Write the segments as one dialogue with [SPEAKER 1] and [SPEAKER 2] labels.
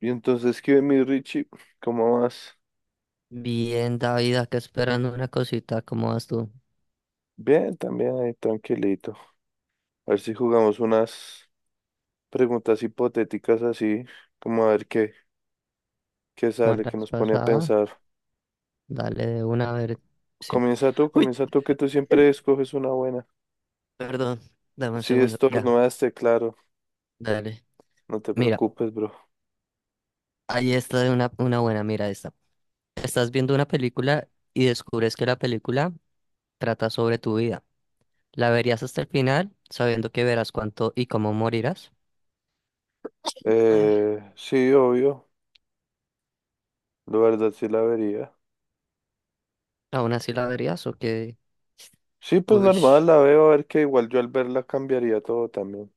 [SPEAKER 1] Y entonces, ¿qué mi Richie? ¿Cómo vas?
[SPEAKER 2] Bien, David, acá esperando una cosita. ¿Cómo vas tú?
[SPEAKER 1] Bien, también ahí tranquilito. A ver si jugamos unas preguntas hipotéticas así, como a ver qué, qué
[SPEAKER 2] Como
[SPEAKER 1] sale,
[SPEAKER 2] la
[SPEAKER 1] qué
[SPEAKER 2] vez
[SPEAKER 1] nos pone a
[SPEAKER 2] pasada,
[SPEAKER 1] pensar.
[SPEAKER 2] dale de una a ver. si- Uy,
[SPEAKER 1] Comienza tú, que tú siempre escoges una buena.
[SPEAKER 2] perdón, dame un
[SPEAKER 1] Sí,
[SPEAKER 2] segundo. Ya,
[SPEAKER 1] estornudaste, claro.
[SPEAKER 2] dale.
[SPEAKER 1] No te
[SPEAKER 2] Mira,
[SPEAKER 1] preocupes, bro.
[SPEAKER 2] ahí está de una buena. Mira esta. Estás viendo una película y descubres que la película trata sobre tu vida. ¿La verías hasta el final, sabiendo que verás cuánto y cómo morirás? Ah.
[SPEAKER 1] Sí, obvio. La verdad sí la vería.
[SPEAKER 2] ¿Aún así la verías o qué?
[SPEAKER 1] Sí, pues
[SPEAKER 2] Uy,
[SPEAKER 1] normal, la veo, a ver que igual yo al verla cambiaría todo también.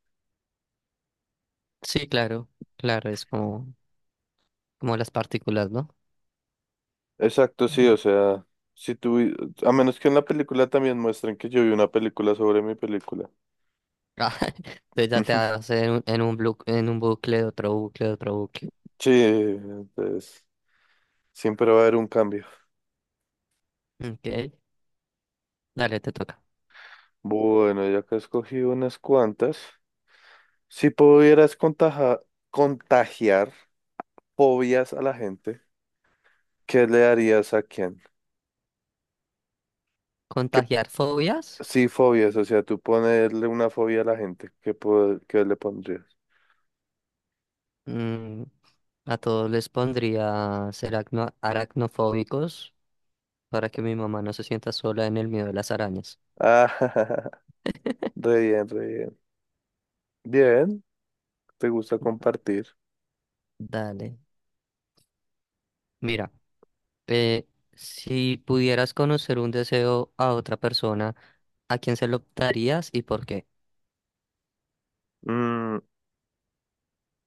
[SPEAKER 2] sí, claro, claro, es como las partículas, ¿no?
[SPEAKER 1] Exacto, sí, o sea, si tú, a menos que en la película también muestren que yo vi una película sobre mi película.
[SPEAKER 2] Ah, entonces ya te vas en un bucle, otro bucle, otro bucle.
[SPEAKER 1] Sí, entonces siempre va a haber un cambio.
[SPEAKER 2] Ok, dale, te toca.
[SPEAKER 1] Bueno, ya que he escogido unas cuantas, si pudieras contagiar fobias a la gente, ¿qué le darías a quién? ¿Qué,
[SPEAKER 2] ¿Contagiar fobias?
[SPEAKER 1] sí, fobias, o sea, tú ponerle una fobia a la gente, ¿ qué le pondrías?
[SPEAKER 2] Mm, a todos les pondría ser aracnofóbicos para que mi mamá no se sienta sola en el miedo de las arañas.
[SPEAKER 1] Ah, re bien, re bien. Bien, te gusta compartir.
[SPEAKER 2] Dale. Mira, eh, si pudieras conocer un deseo a otra persona, ¿a quién se lo darías y por qué?
[SPEAKER 1] Mm,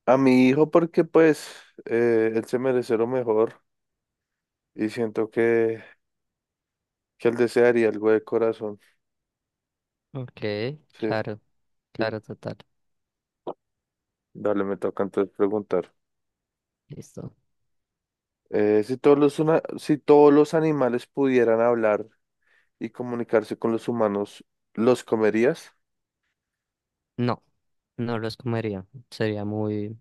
[SPEAKER 1] a mi hijo porque pues él se merece lo mejor y siento que él desearía algo de corazón.
[SPEAKER 2] Ok,
[SPEAKER 1] Sí,
[SPEAKER 2] claro,
[SPEAKER 1] sí.
[SPEAKER 2] claro, total.
[SPEAKER 1] Dale, me toca entonces preguntar.
[SPEAKER 2] Listo.
[SPEAKER 1] Si todos los animales pudieran hablar y comunicarse con los humanos, ¿los comerías?
[SPEAKER 2] No, no los comería. Sería muy...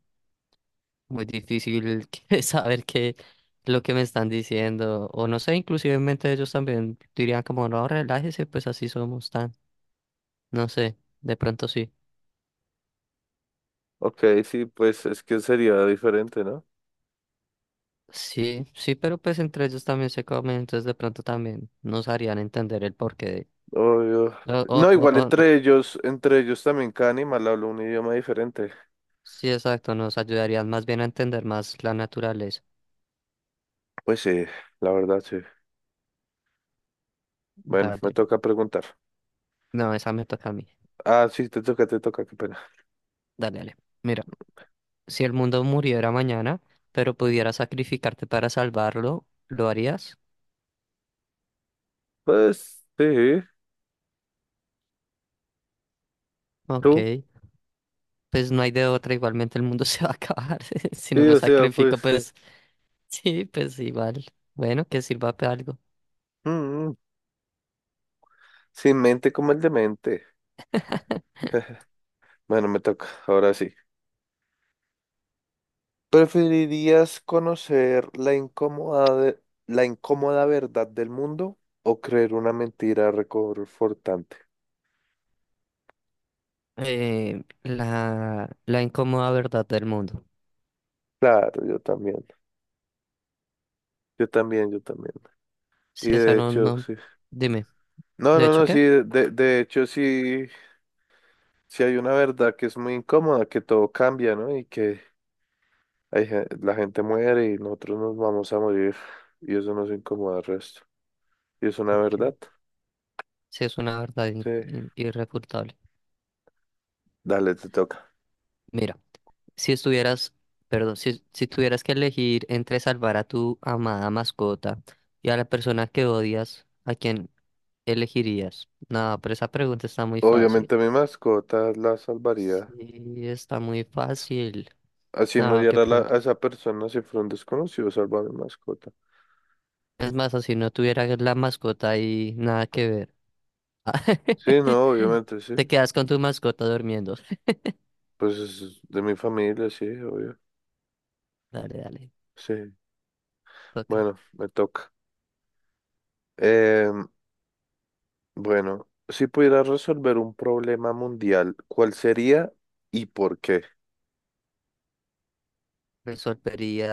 [SPEAKER 2] Muy difícil saber qué lo que me están diciendo. O no sé, inclusivemente ellos también dirían como, no, relájese, pues así somos tan. No sé, de pronto sí.
[SPEAKER 1] Ok, sí, pues es que sería diferente, ¿no?
[SPEAKER 2] Sí, sí, pero pues entre ellos también se comen, entonces de pronto también nos harían entender el porqué de...
[SPEAKER 1] Obvio.
[SPEAKER 2] O, o,
[SPEAKER 1] No,
[SPEAKER 2] o,
[SPEAKER 1] igual
[SPEAKER 2] o- no.
[SPEAKER 1] entre ellos también cada animal habla un idioma diferente.
[SPEAKER 2] Sí, exacto, nos ayudarían más bien a entender más la naturaleza.
[SPEAKER 1] Pues sí, la verdad sí. Bueno, me
[SPEAKER 2] Dale.
[SPEAKER 1] toca preguntar.
[SPEAKER 2] No, esa me toca a mí.
[SPEAKER 1] Ah, sí, te toca, qué pena.
[SPEAKER 2] Dale, dale. Mira, si el mundo muriera mañana, pero pudieras sacrificarte para salvarlo, ¿lo harías?
[SPEAKER 1] Pues sí,
[SPEAKER 2] Ok.
[SPEAKER 1] tú,
[SPEAKER 2] Pues no hay de otra, igualmente el mundo se va a acabar. Si no
[SPEAKER 1] sí,
[SPEAKER 2] me
[SPEAKER 1] o sea,
[SPEAKER 2] sacrifico,
[SPEAKER 1] pues
[SPEAKER 2] pues sí, pues igual. Bueno, que sirva para algo.
[SPEAKER 1] mm, sin mente como el demente. Bueno, me toca, ahora sí. ¿Preferirías conocer la incómoda verdad del mundo o creer una mentira reconfortante?
[SPEAKER 2] La incómoda verdad del mundo.
[SPEAKER 1] Claro, yo también, yo también, yo también. Y
[SPEAKER 2] Si esa
[SPEAKER 1] de
[SPEAKER 2] no,
[SPEAKER 1] hecho,
[SPEAKER 2] no,
[SPEAKER 1] sí.
[SPEAKER 2] dime,
[SPEAKER 1] No,
[SPEAKER 2] ¿de
[SPEAKER 1] no,
[SPEAKER 2] hecho
[SPEAKER 1] no, sí,
[SPEAKER 2] qué?
[SPEAKER 1] de hecho, sí, sí hay una verdad que es muy incómoda, que todo cambia, ¿no? Y que. La gente muere y nosotros nos vamos a morir y eso nos incomoda al resto. Y es una
[SPEAKER 2] Ok.
[SPEAKER 1] verdad.
[SPEAKER 2] Si es una verdad
[SPEAKER 1] Sí.
[SPEAKER 2] irrefutable.
[SPEAKER 1] Dale, te toca.
[SPEAKER 2] Mira, si estuvieras, perdón, si tuvieras que elegir entre salvar a tu amada mascota y a la persona que odias, ¿a quién elegirías? No, pero esa pregunta está muy fácil.
[SPEAKER 1] Obviamente mi mascota la
[SPEAKER 2] Sí,
[SPEAKER 1] salvaría.
[SPEAKER 2] está muy fácil.
[SPEAKER 1] Así no
[SPEAKER 2] Nada, qué
[SPEAKER 1] diera la- A
[SPEAKER 2] pregunta.
[SPEAKER 1] esa persona si fuera un desconocido, salva a mi mascota.
[SPEAKER 2] Es más, o si no tuviera la mascota y nada que ver.
[SPEAKER 1] Sí, no, obviamente, sí.
[SPEAKER 2] Te quedas con tu mascota durmiendo.
[SPEAKER 1] Pues es de mi familia, sí, obvio.
[SPEAKER 2] Dale, dale,
[SPEAKER 1] Sí.
[SPEAKER 2] toca.
[SPEAKER 1] Bueno, me toca. Eh, bueno, si pudiera resolver un problema mundial, ¿cuál sería y por qué?
[SPEAKER 2] Resolvería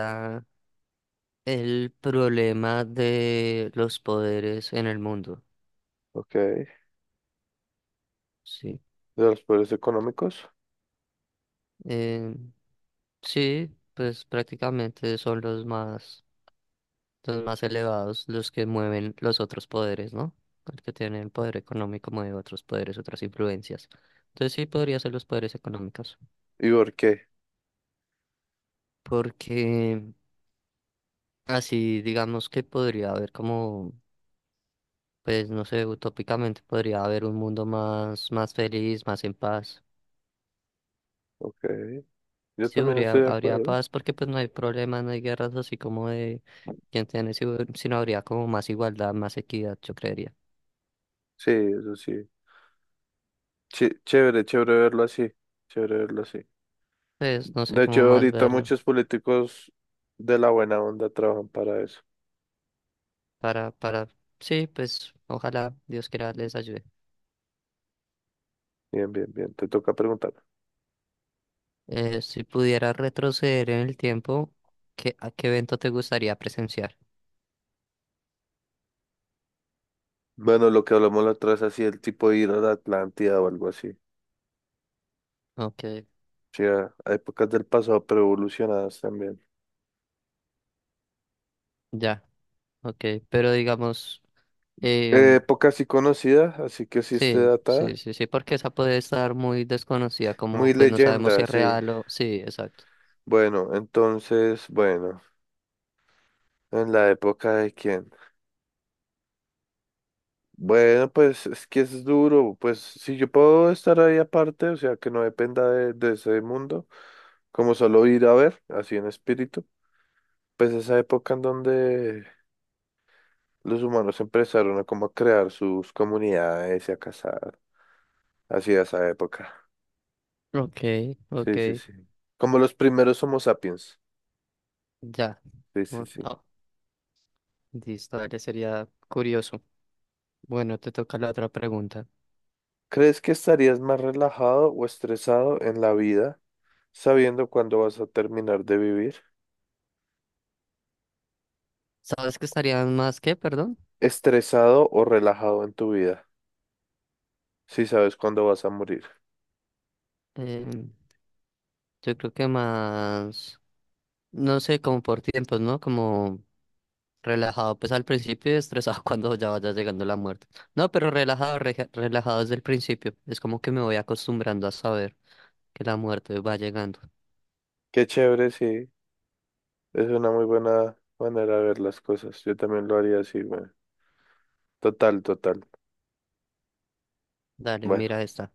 [SPEAKER 2] el problema de los poderes en el mundo.
[SPEAKER 1] Ok. ¿De
[SPEAKER 2] Sí.
[SPEAKER 1] los poderes económicos?
[SPEAKER 2] Eh, sí, pues prácticamente son los más elevados, los que mueven los otros poderes, ¿no? El que tiene el poder económico mueve otros poderes, otras influencias. Entonces sí podría ser los poderes económicos,
[SPEAKER 1] ¿Y por qué?
[SPEAKER 2] porque así digamos que podría haber como, pues no sé, utópicamente podría haber un mundo más feliz, más en paz.
[SPEAKER 1] Ok, yo
[SPEAKER 2] Sí,
[SPEAKER 1] también
[SPEAKER 2] habría,
[SPEAKER 1] estoy de
[SPEAKER 2] habría
[SPEAKER 1] acuerdo.
[SPEAKER 2] paz porque pues no hay problemas, no hay guerras así como de quién tiene, sino habría como más igualdad, más equidad, yo creería.
[SPEAKER 1] Sí, eso sí. Chévere, chévere verlo así. Chévere verlo así.
[SPEAKER 2] Pues no sé
[SPEAKER 1] De hecho,
[SPEAKER 2] cómo más
[SPEAKER 1] ahorita
[SPEAKER 2] verlo.
[SPEAKER 1] muchos políticos de la buena onda trabajan para eso.
[SPEAKER 2] para, para, sí, pues ojalá Dios quiera les ayude.
[SPEAKER 1] Bien, bien, bien. Te toca preguntar.
[SPEAKER 2] Si pudiera retroceder en el tiempo, ¿A qué evento te gustaría presenciar?
[SPEAKER 1] Bueno, lo que hablamos la otra vez, así el tipo de ir a la Atlántida o algo así.
[SPEAKER 2] Ok,
[SPEAKER 1] Sí, a épocas del pasado, pero evolucionadas también.
[SPEAKER 2] ya, ok, pero digamos, em,
[SPEAKER 1] Época sí conocida, así que sí esté
[SPEAKER 2] sí,
[SPEAKER 1] datada.
[SPEAKER 2] sí, sí, sí, porque esa puede estar muy desconocida, como
[SPEAKER 1] Muy
[SPEAKER 2] pues no sabemos si
[SPEAKER 1] leyenda,
[SPEAKER 2] es
[SPEAKER 1] sí.
[SPEAKER 2] real o, sí, exacto.
[SPEAKER 1] Bueno, entonces, en la época de quién. Bueno, pues es que es duro, pues si yo puedo estar ahí aparte, o sea, que no dependa de ese mundo, como solo ir a ver, así en espíritu, pues esa época en donde los humanos empezaron a como a crear sus comunidades y a cazar, así esa época,
[SPEAKER 2] Ok, ok,
[SPEAKER 1] sí, sí, sí, como los primeros Homo sapiens,
[SPEAKER 2] ya,
[SPEAKER 1] sí, sí,
[SPEAKER 2] bueno,
[SPEAKER 1] sí.
[SPEAKER 2] no, listo, a sería curioso. Bueno, te toca la otra pregunta.
[SPEAKER 1] ¿Crees que estarías más relajado o estresado en la vida, sabiendo cuándo vas a terminar de vivir?
[SPEAKER 2] ¿Sabes que estarían más qué perdón?
[SPEAKER 1] ¿Estresado o relajado en tu vida? Si sabes cuándo vas a morir.
[SPEAKER 2] Eh, Yo creo que más, no sé, como por tiempos, ¿no? Como relajado, pues al principio y estresado cuando ya vaya llegando la muerte. No, pero relajado, relajado desde el principio. Es como que me voy acostumbrando a saber que la muerte va llegando.
[SPEAKER 1] Qué chévere, sí. Es una muy buena manera de ver las cosas. Yo también lo haría así, bueno. Total, total.
[SPEAKER 2] Dale,
[SPEAKER 1] Bueno,
[SPEAKER 2] mira esta.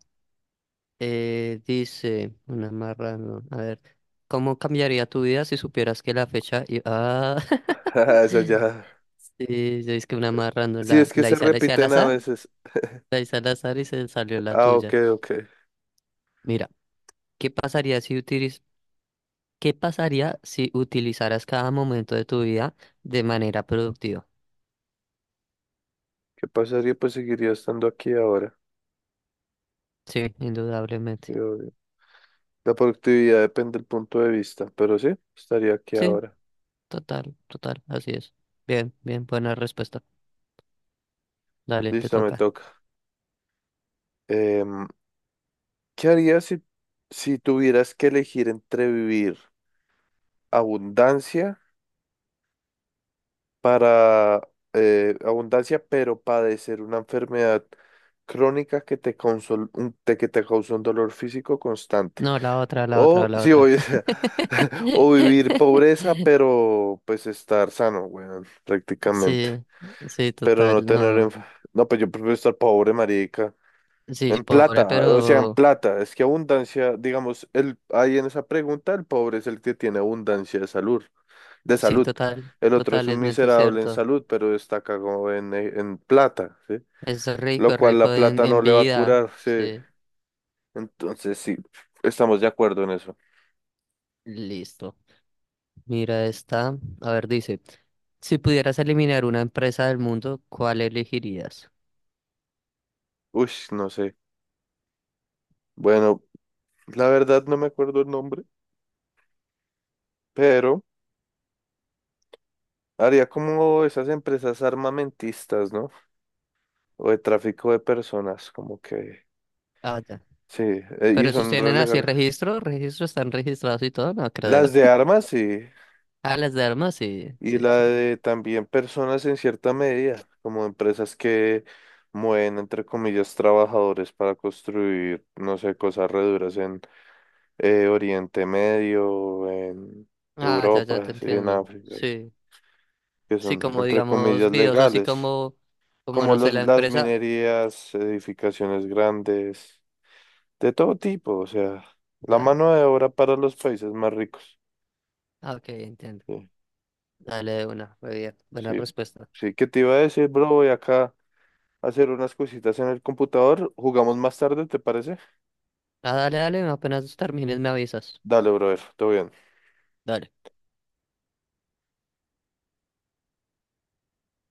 [SPEAKER 2] Dice, una marrano, a ver, ¿cómo cambiaría tu vida si supieras que la fecha... Ah,
[SPEAKER 1] esa ya.
[SPEAKER 2] sí, yo es que una marrano,
[SPEAKER 1] Sí, es que se
[SPEAKER 2] la hice al
[SPEAKER 1] repiten a
[SPEAKER 2] azar,
[SPEAKER 1] veces.
[SPEAKER 2] la hice al azar y se salió la
[SPEAKER 1] Ah, ok,
[SPEAKER 2] tuya.
[SPEAKER 1] ok.
[SPEAKER 2] Mira. ¿Qué pasaría si utilizaras cada momento de tu vida de manera productiva?
[SPEAKER 1] ¿Qué pasaría? Pues seguiría estando aquí ahora.
[SPEAKER 2] Sí, indudablemente.
[SPEAKER 1] Sí, obvio. La productividad depende del punto de vista, pero sí, estaría aquí
[SPEAKER 2] Sí,
[SPEAKER 1] ahora.
[SPEAKER 2] total, total, así es. Bien, bien, buena respuesta. Dale, te
[SPEAKER 1] Listo, me
[SPEAKER 2] toca.
[SPEAKER 1] toca. Em, ¿Qué harías si tuvieras que elegir entre vivir abundancia? Para abundancia, pero padecer una enfermedad crónica que te, consol- un- te- que te causa un dolor físico constante.
[SPEAKER 2] No, la otra, la otra,
[SPEAKER 1] O,
[SPEAKER 2] la
[SPEAKER 1] sí, o,
[SPEAKER 2] otra.
[SPEAKER 1] o vivir pobreza, pero pues estar sano, weón, prácticamente.
[SPEAKER 2] Sí, sí,
[SPEAKER 1] Pero no
[SPEAKER 2] total,
[SPEAKER 1] tener...
[SPEAKER 2] no.
[SPEAKER 1] enf- No, pues yo prefiero estar pobre, marica.
[SPEAKER 2] Sí,
[SPEAKER 1] En
[SPEAKER 2] pobre,
[SPEAKER 1] plata, o sea, en
[SPEAKER 2] pero
[SPEAKER 1] plata. Es que abundancia, digamos, el, ahí en esa pregunta, el pobre es el que tiene abundancia de salud de
[SPEAKER 2] sí,
[SPEAKER 1] salud.
[SPEAKER 2] total,
[SPEAKER 1] El otro es un
[SPEAKER 2] totalmente
[SPEAKER 1] miserable en
[SPEAKER 2] cierto.
[SPEAKER 1] salud, pero está cagado en plata, ¿sí? Lo
[SPEAKER 2] Es
[SPEAKER 1] cual la
[SPEAKER 2] rico en,
[SPEAKER 1] plata no
[SPEAKER 2] en
[SPEAKER 1] le va a
[SPEAKER 2] vida.
[SPEAKER 1] curar, sí.
[SPEAKER 2] Sí,
[SPEAKER 1] Entonces, sí, estamos de acuerdo en eso.
[SPEAKER 2] listo. Mira esta. A ver, dice, si pudieras eliminar una empresa del mundo, ¿cuál elegirías?
[SPEAKER 1] Uy, no sé. Bueno, la verdad no me acuerdo el nombre, pero haría como esas empresas armamentistas, ¿no? O de tráfico de personas, como que,
[SPEAKER 2] Ah, ya.
[SPEAKER 1] sí, y
[SPEAKER 2] Pero esos
[SPEAKER 1] son re
[SPEAKER 2] tienen así
[SPEAKER 1] legales.
[SPEAKER 2] registro, registro, están registrados y todo, no creo.
[SPEAKER 1] Las de armas, sí.
[SPEAKER 2] Ah, las de armas, sí,
[SPEAKER 1] Y
[SPEAKER 2] sí,
[SPEAKER 1] la
[SPEAKER 2] sí.
[SPEAKER 1] de también personas en cierta medida, como empresas que mueven, entre comillas, trabajadores para construir, no sé, cosas reduras en Oriente Medio, en
[SPEAKER 2] Ah, ya, ya te
[SPEAKER 1] Europa, sí, en
[SPEAKER 2] entiendo.
[SPEAKER 1] África, sí,
[SPEAKER 2] Sí,
[SPEAKER 1] que
[SPEAKER 2] sí,
[SPEAKER 1] son,
[SPEAKER 2] como
[SPEAKER 1] entre
[SPEAKER 2] digamos
[SPEAKER 1] comillas,
[SPEAKER 2] videos así
[SPEAKER 1] legales,
[SPEAKER 2] como
[SPEAKER 1] como
[SPEAKER 2] no sé, la
[SPEAKER 1] las
[SPEAKER 2] empresa,
[SPEAKER 1] minerías, edificaciones grandes, de todo tipo, o sea, la
[SPEAKER 2] ya.
[SPEAKER 1] mano de obra para los países más ricos.
[SPEAKER 2] Ah, ok, entiendo.
[SPEAKER 1] Sí,
[SPEAKER 2] Dale de una, muy bien. Buena
[SPEAKER 1] sí,
[SPEAKER 2] respuesta.
[SPEAKER 1] sí, ¿qué te iba a decir, bro? Voy acá. Hacer unas cositas en el computador. Jugamos más tarde, ¿te parece?
[SPEAKER 2] Ah, dale, dale, apenas termines me avisas.
[SPEAKER 1] Dale, brother, todo bien.
[SPEAKER 2] Dale.